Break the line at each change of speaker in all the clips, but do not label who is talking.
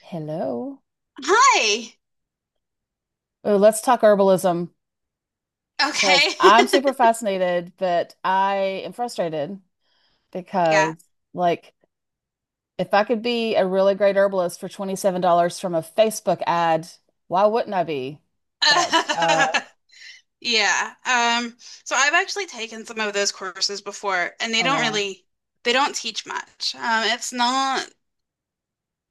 Hello.
Hi.
Oh, let's talk herbalism because
Okay.
I'm super fascinated, but I am frustrated because,
Yeah.
like, if I could be a really great herbalist for $27 from a Facebook ad, why wouldn't I be? But, uh,
Uh, yeah. So I've actually taken some of those courses before, and they
oh
don't
wow.
really they don't teach much. It's not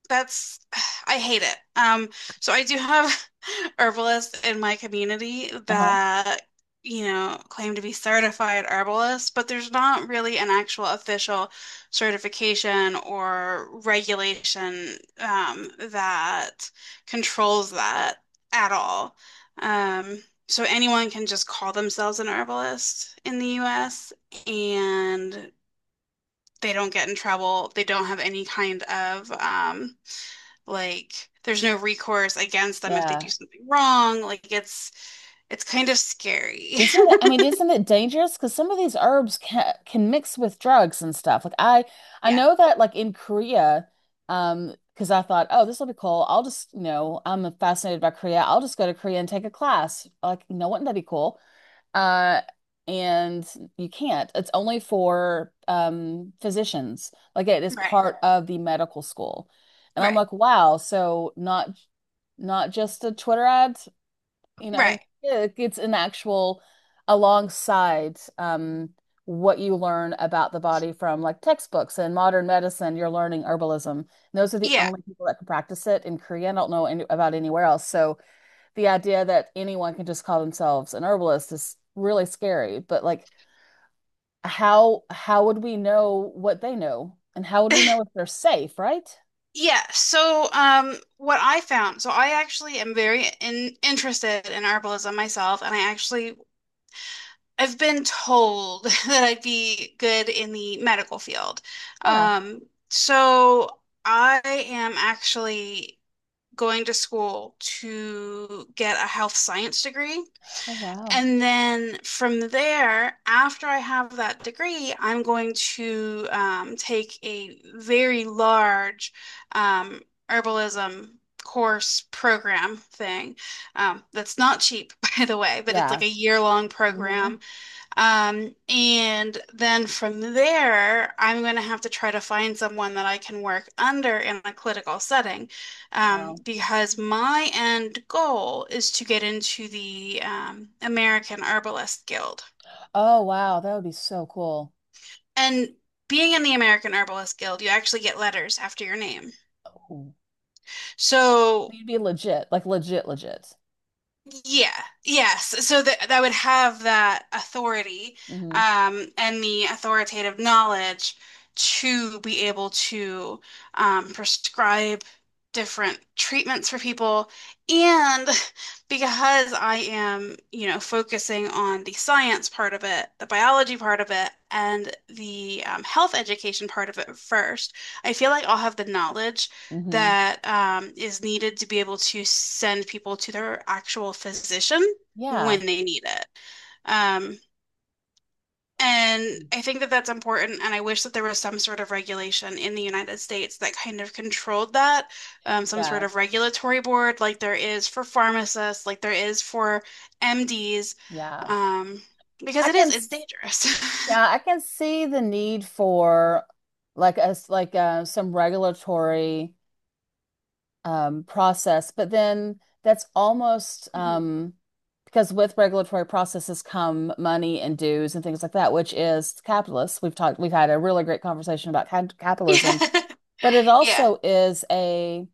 That's I hate it. So I do have herbalists in my community
Uh-huh.
that, you know, claim to be certified herbalists, but there's not really an actual official certification or regulation that controls that at all. Um, so anyone can just call themselves an herbalist in the US and they don't get in trouble. They don't have any kind of like there's no recourse against them if they
Yeah.
do something wrong. Like it's kind of scary.
Isn't it, I mean, isn't it dangerous? Because some of these herbs can mix with drugs and stuff. I
Yeah,
know that like in Korea, because I thought, oh, this will be cool. I'll just, you know, I'm fascinated by Korea. I'll just go to Korea and take a class. Like, you know, wouldn't that be cool? Uh, and you can't. It's only for physicians. Like it is
right,
part of the medical school. And I'm
right,
like, wow. So not just a Twitter ad. You know,
right.
yeah, it's an actual alongside what you learn about the body from like textbooks and modern medicine, you're learning herbalism. And those are the
Yeah.
only people that can practice it in Korea. I don't know about anywhere else. So the idea that anyone can just call themselves an herbalist is really scary. But like, how would we know what they know, and how would we know if they're safe, right?
Yeah, what I found, so I actually am interested in herbalism myself, and I've been told that I'd be good in the medical field.
Yeah.
Um, so I am actually going to school to get a health science degree.
Oh, wow.
And then from there, after I have that degree, I'm going to take a very large um, herbalism course program thing. That's not cheap, by the way, but it's like
Yeah.
a year-long
Hmm.
program and then from there, I'm going to have to try to find someone that I can work under in a clinical setting,
Wow.
because my end goal is to get into the American Herbalist Guild.
Oh, wow. That would be so cool.
And being in the American Herbalist Guild, you actually get letters after your name. So
You'd be legit, like legit, legit.
yeah, yes. So that would have that authority,
Hmm.
and the authoritative knowledge to be able to prescribe different treatments for people. And because I am, you know, focusing on the science part of it, the biology part of it, and the health education part of it first, I feel like I'll have the knowledge
Hmm.
that is needed to be able to send people to their actual physician
Yeah.
when they need it. Um, and I think that that's important. And I wish that there was some sort of regulation in the United States that kind of controlled that, some
Yeah.
sort of regulatory board like there is for pharmacists, like there is for MDs,
Yeah.
um, because
I can
it's
s-
dangerous.
yeah, I can see the need for like us some regulatory process, but then that's almost
Mhm.
because with regulatory processes come money and dues and things like that, which is capitalist. We've had a really great conversation about capitalism,
Yeah.
but it
Yeah.
also is a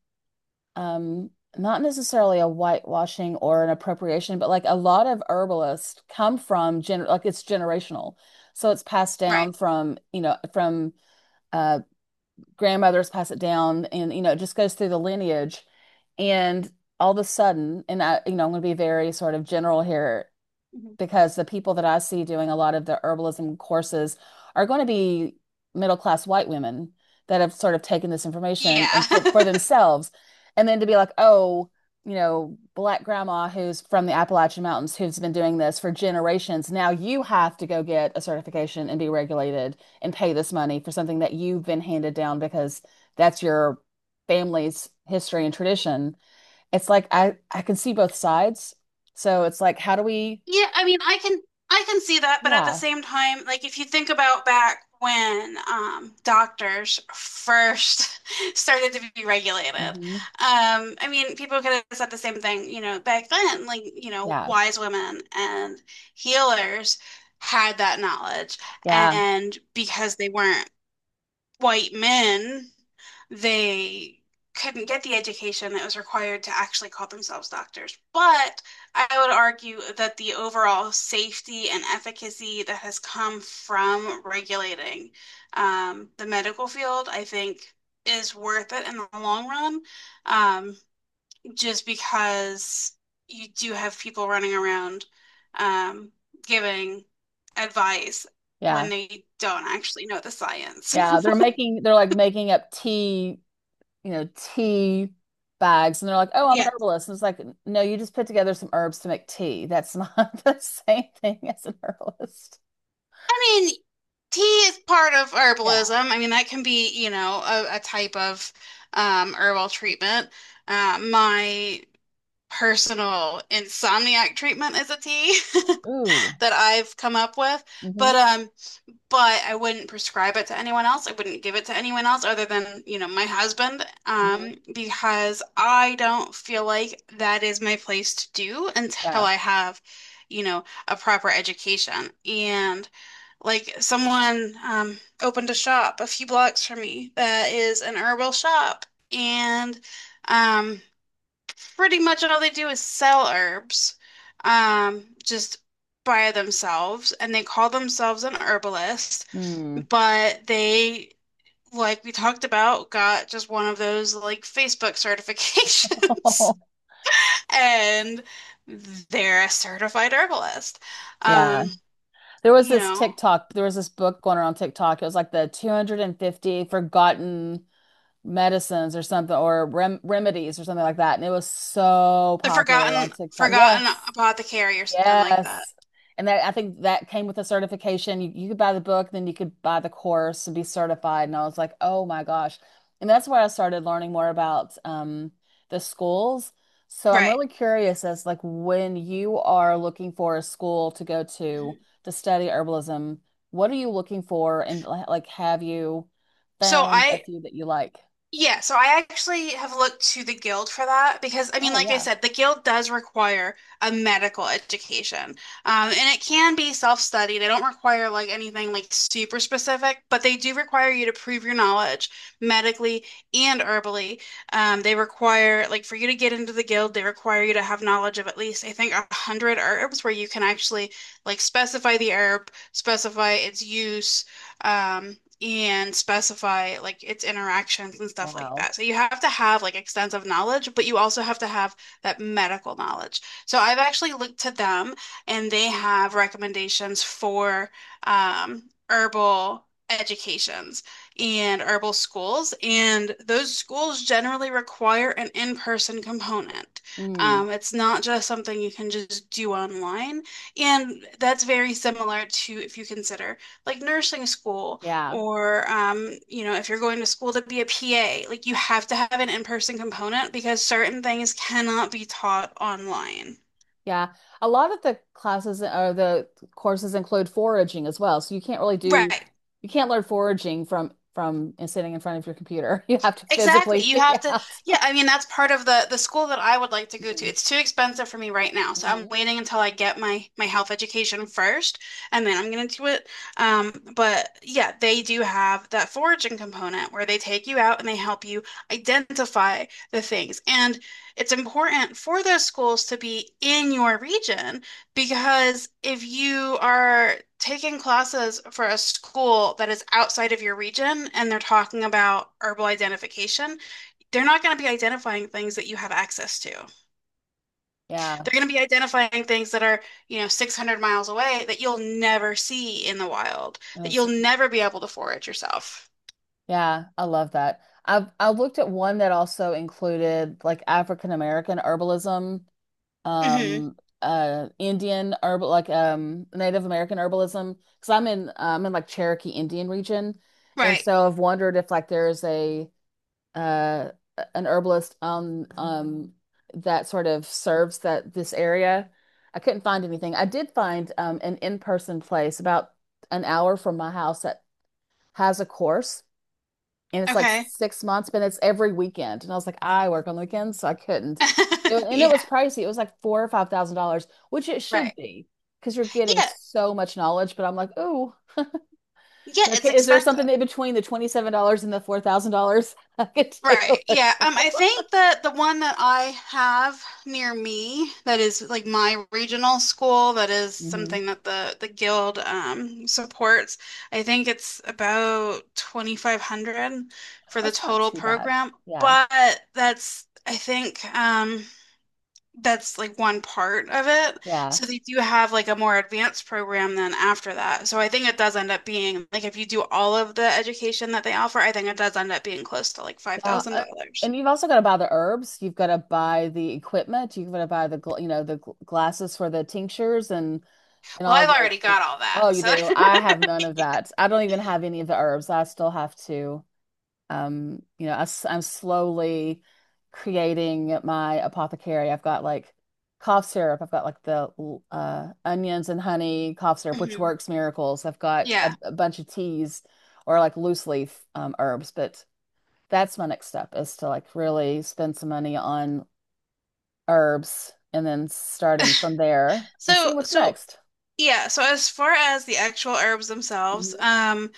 um not necessarily a whitewashing or an appropriation, but like a lot of herbalists come from gen like it's generational. So it's passed down
Right.
from, you know, from uh grandmothers pass it down, and you know it just goes through the lineage. And all of a sudden, and I, you know, I'm going to be very sort of general here
Mhm.
because the people that I see doing a lot of the herbalism courses are going to be middle class white women that have sort of taken this information
Yeah.
for themselves. And then to be like, oh, you know, black grandma who's from the Appalachian Mountains who's been doing this for generations. Now you have to go get a certification and be regulated and pay this money for something that you've been handed down because that's your family's history and tradition. It's like I can see both sides. So it's like how do we
Yeah, I mean, I can see that, but at the
yeah.
same time, like if you think about back when doctors first started to be regulated,
Hmm.
I mean, people could have said the same thing, you know, back then, like, you know,
Yeah,
wise women and healers had that knowledge,
yeah,
and because they weren't white men, they couldn't get the education that was required to actually call themselves doctors. But I would argue that the overall safety and efficacy that has come from regulating the medical field, I think, is worth it in the long run, um, just because you do have people running around um, giving advice when
yeah,
they don't actually know the science.
yeah. They're like making up tea, you know, tea bags, and they're like, "Oh, I'm an
Yeah,
herbalist." And it's like, no, you just put together some herbs to make tea. That's not the same thing as an herbalist.
I mean, tea is part of
Yeah.
herbalism. I mean, that can be, you know, a type of herbal treatment. My personal insomniac treatment is a tea
Ooh.
that I've come up with.
Mm-hmm.
But um, but I wouldn't prescribe it to anyone else. I wouldn't give it to anyone else other than, you know, my husband,
Mm-hmm.
because I don't feel like that is my place to do until
Yeah.
I have, you know, a proper education. And like someone opened a shop a few blocks from me that is an herbal shop, and um, pretty much all they do is sell herbs, just by themselves, and they call themselves an herbalist.
Hmm.
But they, like we talked about, got just one of those like Facebook certifications and they're a certified herbalist.
Yeah.
Um,
There was
you
this
know,
TikTok, there was this book going around TikTok. It was like the 250 forgotten medicines or something or remedies or something like that. And it was so
the
popular on
forgotten
TikTok.
forgotten
Yes.
apothecary or something like that.
Yes. And that, I think that came with a certification. You could buy the book, then you could buy the course and be certified. And I was like, oh my gosh. And that's where I started learning more about the schools. So I'm
Right.
really curious as like when you are looking for a school to go
Mhm.
to study herbalism, what are you looking for? And like, have you
So
found a
I
few that you like?
Yeah, so I actually have looked to the guild for that because I mean,
Oh
like I
yeah.
said, the guild does require a medical education. And it can be self-study. They don't require like anything like super specific, but they do require you to prove your knowledge medically and herbally. They require like for you to get into the guild, they require you to have knowledge of at least I think 100 herbs where you can actually like specify the herb, specify its use and specify like its interactions and stuff like
Wow.
that. So you have to have like extensive knowledge, but you also have to have that medical knowledge. So I've actually looked to them and they have recommendations for um, herbal educations and herbal schools. And those schools generally require an in-person component.
Mm,
It's not just something you can just do online. And that's very similar to if you consider like nursing school
yeah.
or you know, if you're going to school to be a PA, like you have to have an in-person component because certain things cannot be taught online.
Yeah. A lot of the classes or the courses include foraging as well. So you can't really do
Right.
you can't learn foraging from sitting in front of your computer. You have to
Exactly.
physically
You
be
have to,
out.
yeah, I mean that's part of the school that I would like to go to.
Hmm.
It's too expensive for me right now, so I'm
Hmm.
waiting until I get my health education first, and then I'm gonna do it. But yeah, they do have that foraging component where they take you out and they help you identify the things. And it's important for those schools to be in your region because if you are taking classes for a school that is outside of your region and they're talking about herbal identification, they're not going to be identifying things that you have access to.
Yeah.
They're going to be identifying things that are, you know, 600 miles away that you'll never see in the wild,
Oh,
that you'll
such a,
never be able to forage yourself.
yeah, I love that. I looked at one that also included like African American herbalism,
Hmm.
um Indian herbal, like Native American herbalism, because I'm in like Cherokee Indian region, and
Right.
so I've wondered if like there is a uh an herbalist that sort of serves that this area. I couldn't find anything. I did find an in-person place about an hour from my house that has a course, and it's like
Okay.
6 months, but it's every weekend. And I was like, I work on the weekends, so I couldn't do it. And it
Yeah.
was pricey. It was like four or five thousand dollars, which it should
Right.
be because you're getting
Yeah.
so much knowledge. But I'm like, oh,
Yeah. It's
okay. Is there
expensive.
something in between the $27 and the $4,000 I could take a
Right.
look
Yeah. I
at?
think that the one that I have near me that is like my regional school that is
Hmm.
something that the guild supports. I think it's about 2,500 for the
That's not
total
too bad.
program,
Yeah,
but that's I think that's like one part of it.
yeah,
So they do have like a more advanced program then after that. So I think it does end up being like if you do all of the education that they offer, I think it does end up being close to like
yeah.
$5,000.
And you've also got to buy the herbs. You've got to buy the equipment. You've got to buy the you know glasses for the tinctures and
Well,
all
I've
the
already got all that.
oh you
So
do. I have none of that. I don't even have any of the herbs. I still have to, you know, I am slowly creating my apothecary. I've got like cough syrup. I've got like onions and honey cough syrup, which
Mhm.
works miracles. I've got
Yeah.
a bunch of teas or like loose leaf herbs. But that's my next step, is to like really spend some money on herbs and then starting from there and see
So
what's
so
next.
yeah, so as far as the actual herbs themselves,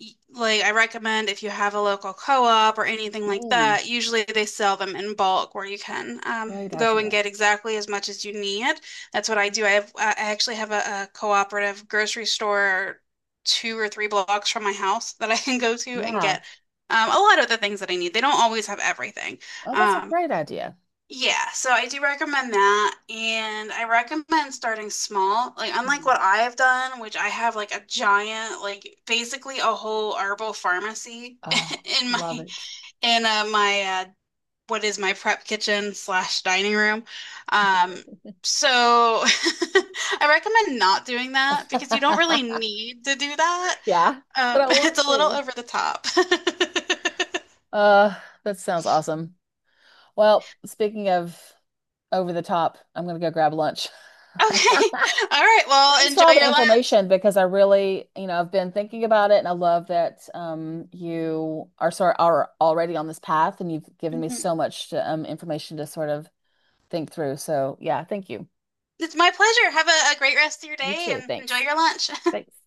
like I recommend if you have a local co-op or anything like
Hmm.
that, usually they sell them in bulk where you can
Great
go and
idea.
get exactly as much as you need. That's what I do. I actually have a cooperative grocery store two or three blocks from my house that I can go to and
Yeah.
get a lot of the things that I need. They don't always have everything.
Oh, that's a
Um,
great idea.
yeah, so I do recommend that. And I recommend starting small. Like, unlike
Mm.
what I have done, which I have like a giant, like basically a whole herbal pharmacy
Oh,
in my,
love it.
in what is my prep kitchen slash dining room. Um, so I recommend not doing that because you don't really need to do that.
Yeah, but I want
It's a little
to.
over the top.
Uh, that sounds awesome. Well, speaking of over the top, I'm gonna go grab lunch.
Okay. All right. Well,
Thanks for all
enjoy
the
your lunch.
information because I really, you know, I've been thinking about it and I love that you are sort are already on this path, and you've given me
Mhm.
so much um, information to sort of think through. So yeah, thank you.
It's my pleasure. Have a great rest of your
You
day
too.
and enjoy
Thanks.
your lunch.
Thanks.